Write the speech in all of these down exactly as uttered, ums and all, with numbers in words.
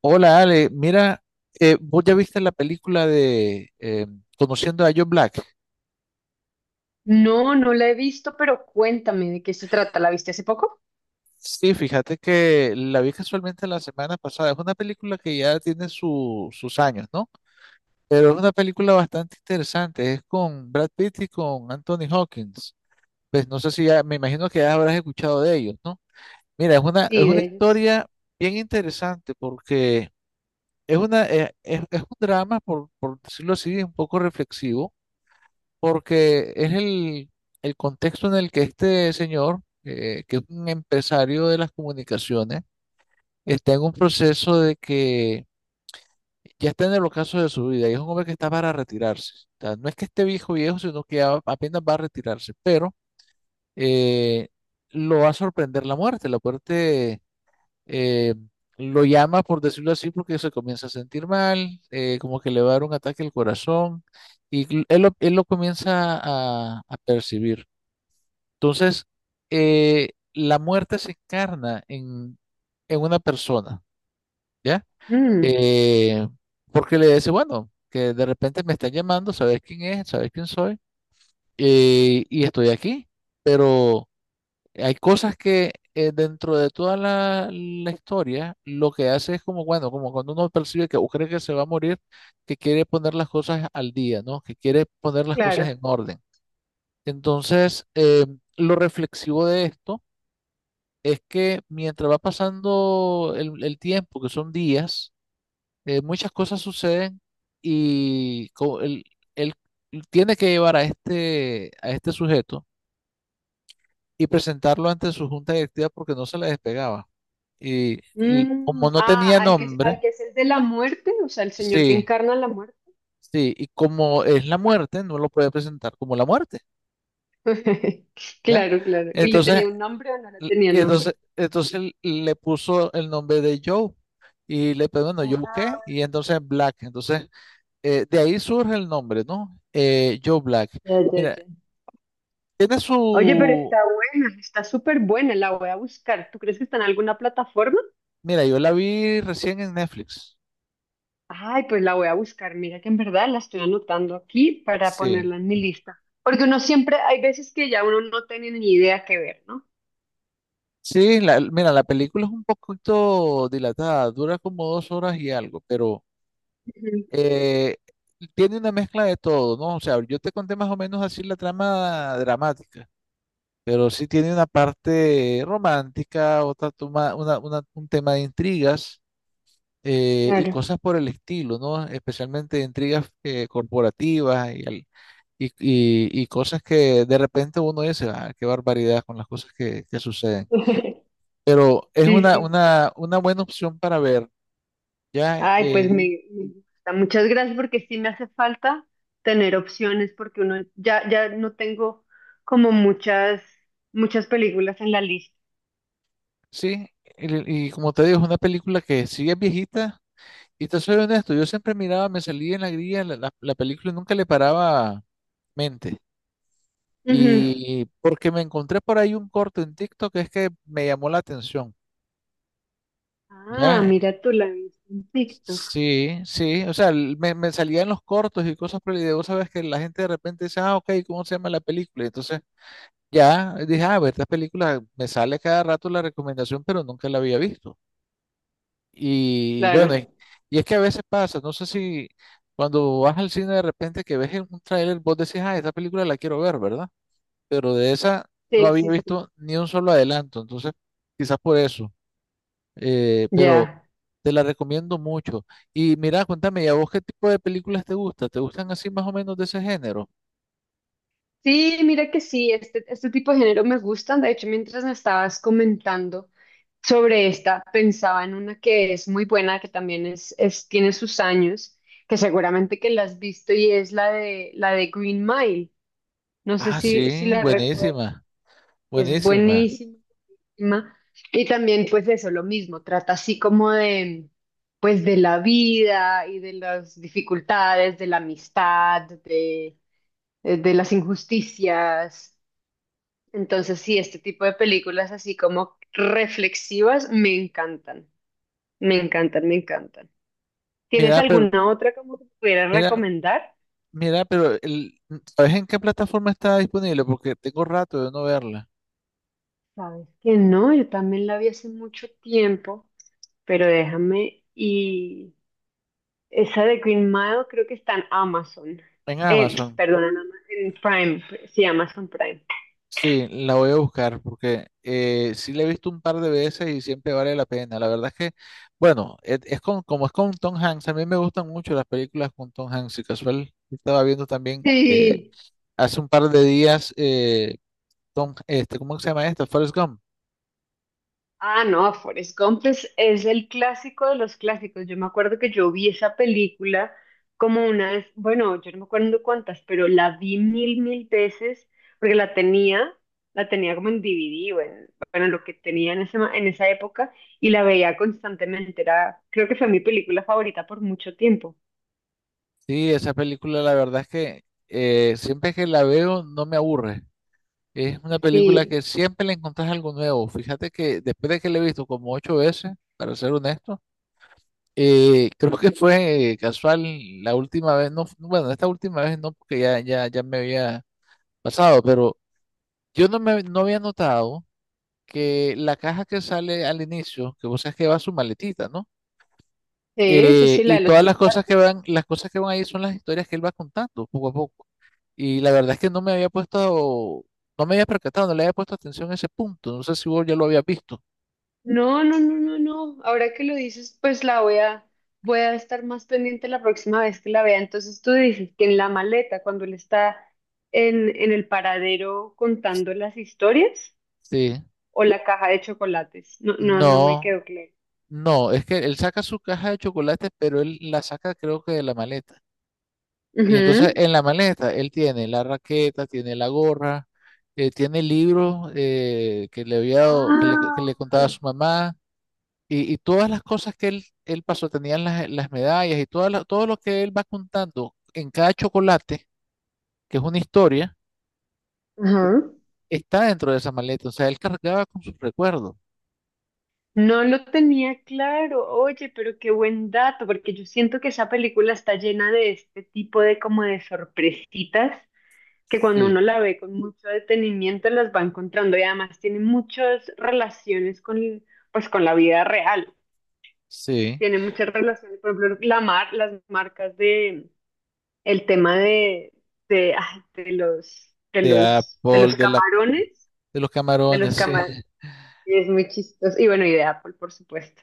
Hola Ale, mira, eh, vos ya viste la película de eh, Conociendo a Joe Black. No, no la he visto, pero cuéntame de qué se trata. ¿La viste hace poco? Sí, fíjate que la vi casualmente la semana pasada. Es una película que ya tiene su- sus años, ¿no? Pero es una película bastante interesante. Es con Brad Pitt y con Anthony Hawkins. Pues no sé si ya, me imagino que ya habrás escuchado de ellos, ¿no? Mira, es una, es Sí, una de ellos sí. historia bien interesante porque es una, eh, es, es un drama, por, por decirlo así, un poco reflexivo porque es el, el contexto en el que este señor, eh, que es un empresario de las comunicaciones, está en un proceso de que ya está en el ocaso de su vida y es un hombre que está para retirarse. O sea, no es que esté viejo viejo, sino que a- apenas va a retirarse, pero eh, lo va a sorprender la muerte. La muerte eh, lo llama, por decirlo así, porque se comienza a sentir mal, eh, como que le va a dar un ataque al corazón. Y él lo, él lo comienza a a percibir. Entonces, eh, la muerte se encarna en, en una persona, ¿ya? Mm, Eh, porque le dice, bueno, que de repente me están llamando, sabes quién es, sabes quién soy, eh, y estoy aquí. Pero hay cosas que eh, dentro de toda la, la historia, lo que hace es como, bueno, como cuando uno percibe que o cree que se va a morir, que quiere poner las cosas al día, ¿no? Que quiere poner las cosas claro. en orden. Entonces, eh, lo reflexivo de esto es que mientras va pasando el, el tiempo, que son días, eh, muchas cosas suceden y co- él, él tiene que llevar a este, a este sujeto y presentarlo ante su junta directiva porque no se le despegaba. Y l- Mm, como no ah, tenía al que, al nombre, que es el de la muerte, o sea, el señor que sí, encarna la muerte. sí, y como es la muerte, no lo puede presentar como la muerte, ¿ya? Claro, claro. ¿Y le Entonces tenía un nombre o no le L- tenía Y nombre? entonces, entonces le puso el nombre de Joe y le pero bueno, Joe Ah, qué y entonces Black. Entonces, eh, de ahí surge el nombre, ¿no? Eh, Joe Black. ya, ya, Mira, ya. tiene Oye, pero su... está buena, está súper buena, la voy a buscar. ¿Tú crees que está en alguna plataforma? Mira, yo la vi recién en Netflix. Ay, pues la voy a buscar. Mira que en verdad la estoy anotando aquí para Sí. ponerla en mi lista. Porque uno siempre, hay veces que ya uno no tiene ni idea qué ver, ¿no? Sí, la- mira, la película es un poquito dilatada, dura como dos horas y algo, pero Ujú. eh, tiene una mezcla de todo, ¿no? O sea, yo te conté más o menos así la trama dramática pero sí tiene una parte romántica, otra toma, una, una- un tema de intrigas eh, y Claro. cosas por el estilo, ¿no? Especialmente intrigas eh, corporativas y, al- y, y- y cosas que de repente uno dice, ah, qué barbaridad con las cosas que, que suceden. Pero es Sí, una, sí. una, una buena opción para ver, ¿ya? Ay, Eh, pues me, me gusta. Muchas gracias porque sí me hace falta tener opciones porque uno ya, ya no tengo como muchas, muchas películas en la lista. sí, y, y como te digo, es una película que sí es viejita. Y te soy honesto, yo siempre miraba, me salía en la grilla la, la- la película y nunca le paraba mente. Ujú. Y porque me encontré por ahí un corto en TikTok que es que me llamó la atención. Ah, Ya, mira tú la viste en TikTok. sí, sí, o sea, el- me, me salían los cortos y cosas, pero y vos sabes que la gente de repente dice, ah, ok, ¿cómo se llama la película? Y entonces ya dije, ah, a ver, esta película me sale cada rato la recomendación, pero nunca la había visto. Y bueno, y, Claro. y es que a veces pasa, no sé si cuando vas al cine de repente que ves en un tráiler, vos decís, ah, esta película la quiero ver, ¿verdad? Pero de esa no Sí, había sí, sí. visto ni un solo adelanto, entonces quizás por eso, eh, pero Ya. te la recomiendo mucho. Y mira, cuéntame, ¿y a vos qué tipo de películas te gusta? ¿Te gustan así más o menos de ese género? Sí, mira que sí, este, este tipo de género me gustan. De hecho, mientras me estabas comentando sobre esta, pensaba en una que es muy buena, que también es, es, tiene sus años, que seguramente que la has visto y es la de, la de Green Mile. No sé Ah, si, si sí, la recuerdas, buenísima, es buenísima. buenísima. Y también, pues eso, lo mismo, trata así como de, pues de la vida y de las dificultades, de la amistad, de, de las injusticias, entonces, sí, este tipo de películas así como reflexivas me encantan, me encantan, me encantan. ¿Tienes Mira, pero, alguna otra como que pudieras mira, recomendar? mira, pero el, ¿sabes en qué plataforma está disponible? Porque tengo rato de no verla. Sabes que no, yo también la vi hace mucho tiempo, pero déjame y esa de Green Mile creo que está en Amazon. En Eh, Amazon. perdón, en Ama- en Prime, sí, Amazon Prime. Sí, la voy a buscar porque eh, sí la he visto un par de veces y siempre vale la pena. La verdad es que, bueno, es, es con- como es con Tom Hanks, a mí me gustan mucho las películas con Tom Hanks y casual estaba viendo también eh, Sí. hace un par de días eh, Tom, este, ¿cómo se llama esta? Forrest Gump. Ah, no, Forrest Gump es, es el clásico de los clásicos. Yo me acuerdo que yo vi esa película como una vez, bueno, yo no me acuerdo cuántas, pero la vi mil, mil veces porque la tenía, la tenía como en D V D o en, bueno, lo que tenía en ese, ma- en esa época y la veía constantemente. Era, creo que fue mi película favorita por mucho tiempo. Sí, esa película la verdad es que eh, siempre que la veo no me aburre. Es una película Sí, que siempre le encontrás algo nuevo. Fíjate que después de que la he visto como ocho veces, para ser honesto. Eh, creo que fue casual la última vez, no, bueno, esta última vez no, porque ya, ya, ya me había pasado, pero yo no me no había notado que la caja que sale al inicio, que vos sabes que va su maletita, ¿no? sí, sí, Eh, sí, la y de los todas las cosas que chocolates. van, las cosas que van ahí son las historias que él va contando poco a poco. Y la verdad es que no me había puesto, no me había percatado, no le había puesto atención a ese punto. No sé si vos ya lo habías visto. No, no, no, no, no. Ahora que lo dices, pues la voy a, voy a estar más pendiente la próxima vez que la vea. Entonces tú dices que en la maleta, cuando él está en, en el paradero contando las historias, Sí. o la caja de chocolates. No, no, no me No. quedó claro. No, es que él saca su caja de chocolates, pero él la saca creo que de la maleta. Y entonces Ujú. en la maleta él tiene la raqueta, tiene la gorra, eh, tiene libros eh, que le había dado- que le, que Ah. le contaba a su mamá y, y todas las cosas que él, él pasó, tenían las, las medallas y todas las- todo lo que él va contando en cada chocolate, que es una historia, Ajá. está dentro de esa maleta. O sea, él cargaba con sus recuerdos. No lo tenía claro. Oye, pero qué buen dato, porque yo siento que esa película está llena de este tipo de como de sorpresitas que cuando Sí, uno la ve con mucho detenimiento las va encontrando y además tiene muchas relaciones con, pues, con la vida real. sí. Tiene muchas relaciones, por ejemplo, la mar, las marcas de, el tema de, de, ay, de los, de De los, de Apple, los de la, camarones, de los de los camarones, sí. camarones, es muy chistoso. Y bueno, y de Apple, por supuesto.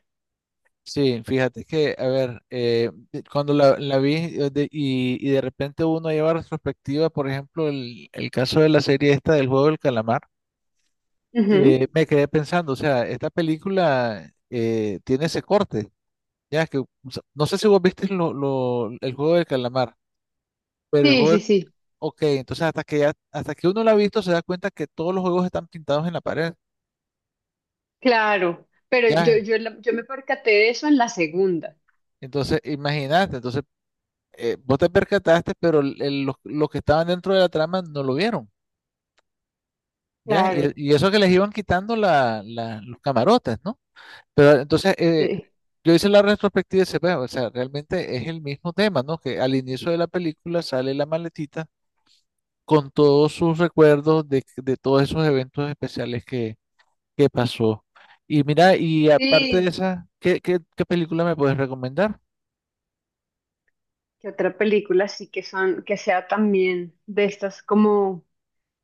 Sí, fíjate que, a ver, eh, de- cuando la, la vi eh, de- y, y de repente uno lleva retrospectiva, por ejemplo, el, el caso de la serie esta del juego del calamar, eh, Ujú. me quedé pensando, o sea, esta película eh, tiene ese corte, ya que, o sea, no sé si vos viste lo, lo- el juego del calamar, pero el Sí, juego, sí, del- sí, ok, entonces hasta que ya, hasta que uno la ha visto se da cuenta que todos los juegos están pintados en la pared, claro. Pero yo, ya, yo, la- yo me percaté de eso en la segunda. entonces imagínate, entonces eh, vos te percataste, pero el- el- los, los que estaban dentro de la trama no lo vieron, ¿ya? Y, Claro, y eso que les iban quitando la, la- los camarotes, ¿no? Pero entonces, eh, sí. yo hice la retrospectiva y se ve, o sea, realmente es el mismo tema, ¿no? Que al inicio de la película sale la maletita con todos sus recuerdos de, de todos esos eventos especiales que, que pasó. Y mira, y aparte de Sí, esa, ¿qué, qué, qué película me puedes recomendar? que otra película sí que son, que sea también de estas como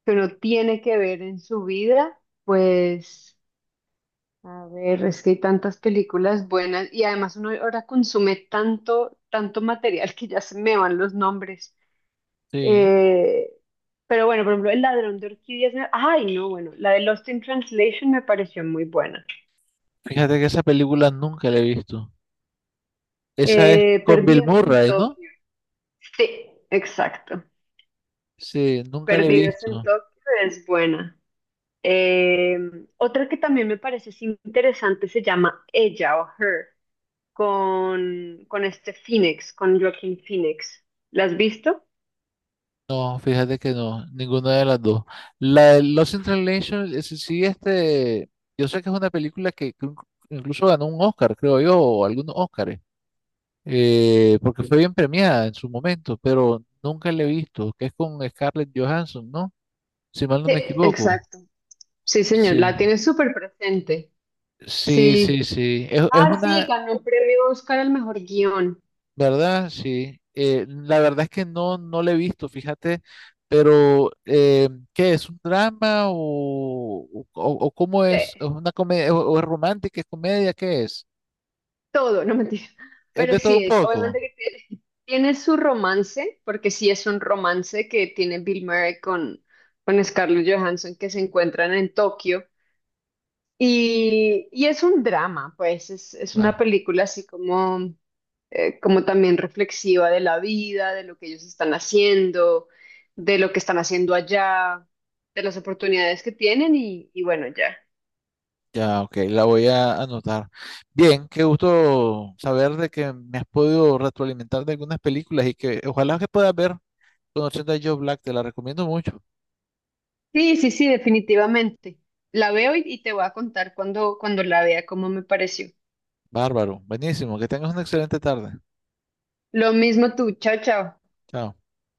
que uno tiene que ver en su vida. Pues, a ver, es que hay tantas películas buenas y además uno ahora consume tanto, tanto material que ya se me van los nombres. Sí, Eh, pero bueno, por ejemplo, El Ladrón de Orquídeas, me- ay, no, bueno, la de Lost in Translation me pareció muy buena. fíjate que esa película nunca la he visto. Esa es Eh, con Bill Perdidas en Murray, ¿no? Tokio, sí, exacto. Sí, nunca la he Perdidas en visto. Tokio es buena. Eh, otra que también me parece así interesante se llama Ella o Her, con, con este Phoenix, con Joaquin Phoenix. ¿La has visto? No, fíjate que no, ninguna de las dos. La de Lost in Translation, ese sí, este, yo sé que es una película que inc- incluso ganó un Oscar, creo yo, o algunos Oscars, eh, porque fue bien premiada en su momento, pero nunca la he visto, que es con Scarlett Johansson, ¿no? Si mal no Sí, me equivoco. exacto. Sí, señor, Sí, la tiene súper presente. sí, sí, Sí. sí. Es, es Ah, sí, una, ganó el premio Oscar al mejor guión. ¿Verdad? Sí. Eh, la verdad es que no, no le he visto, fíjate, pero eh, ¿qué es? ¿Un drama o, o, o cómo es? ¿Es Sí, una comedia o, o es romántica? ¿Es comedia? ¿Qué es? todo, no mentira. ¿Es Pero de todo un sí es, poco? obviamente que tiene, tiene su romance, porque sí es un romance que tiene Bill Murray con, con Scarlett Johansson que se encuentran en Tokio. Y, y es un drama, pues es, es una Va. película así como, eh, como también reflexiva de la vida, de lo que ellos están haciendo, de lo que están haciendo allá, de las oportunidades que tienen y, y bueno, ya. Ya, ok, la voy a anotar. Bien, qué gusto saber de que me has podido retroalimentar de algunas películas y que ojalá que puedas ver con ochenta Joe Black, te la recomiendo mucho. Sí, sí, sí, definitivamente. La veo y, y te voy a contar cuando, cuando la vea cómo me pareció. Bárbaro, buenísimo, que tengas una excelente tarde. Lo mismo tú, chao, chao. Chao.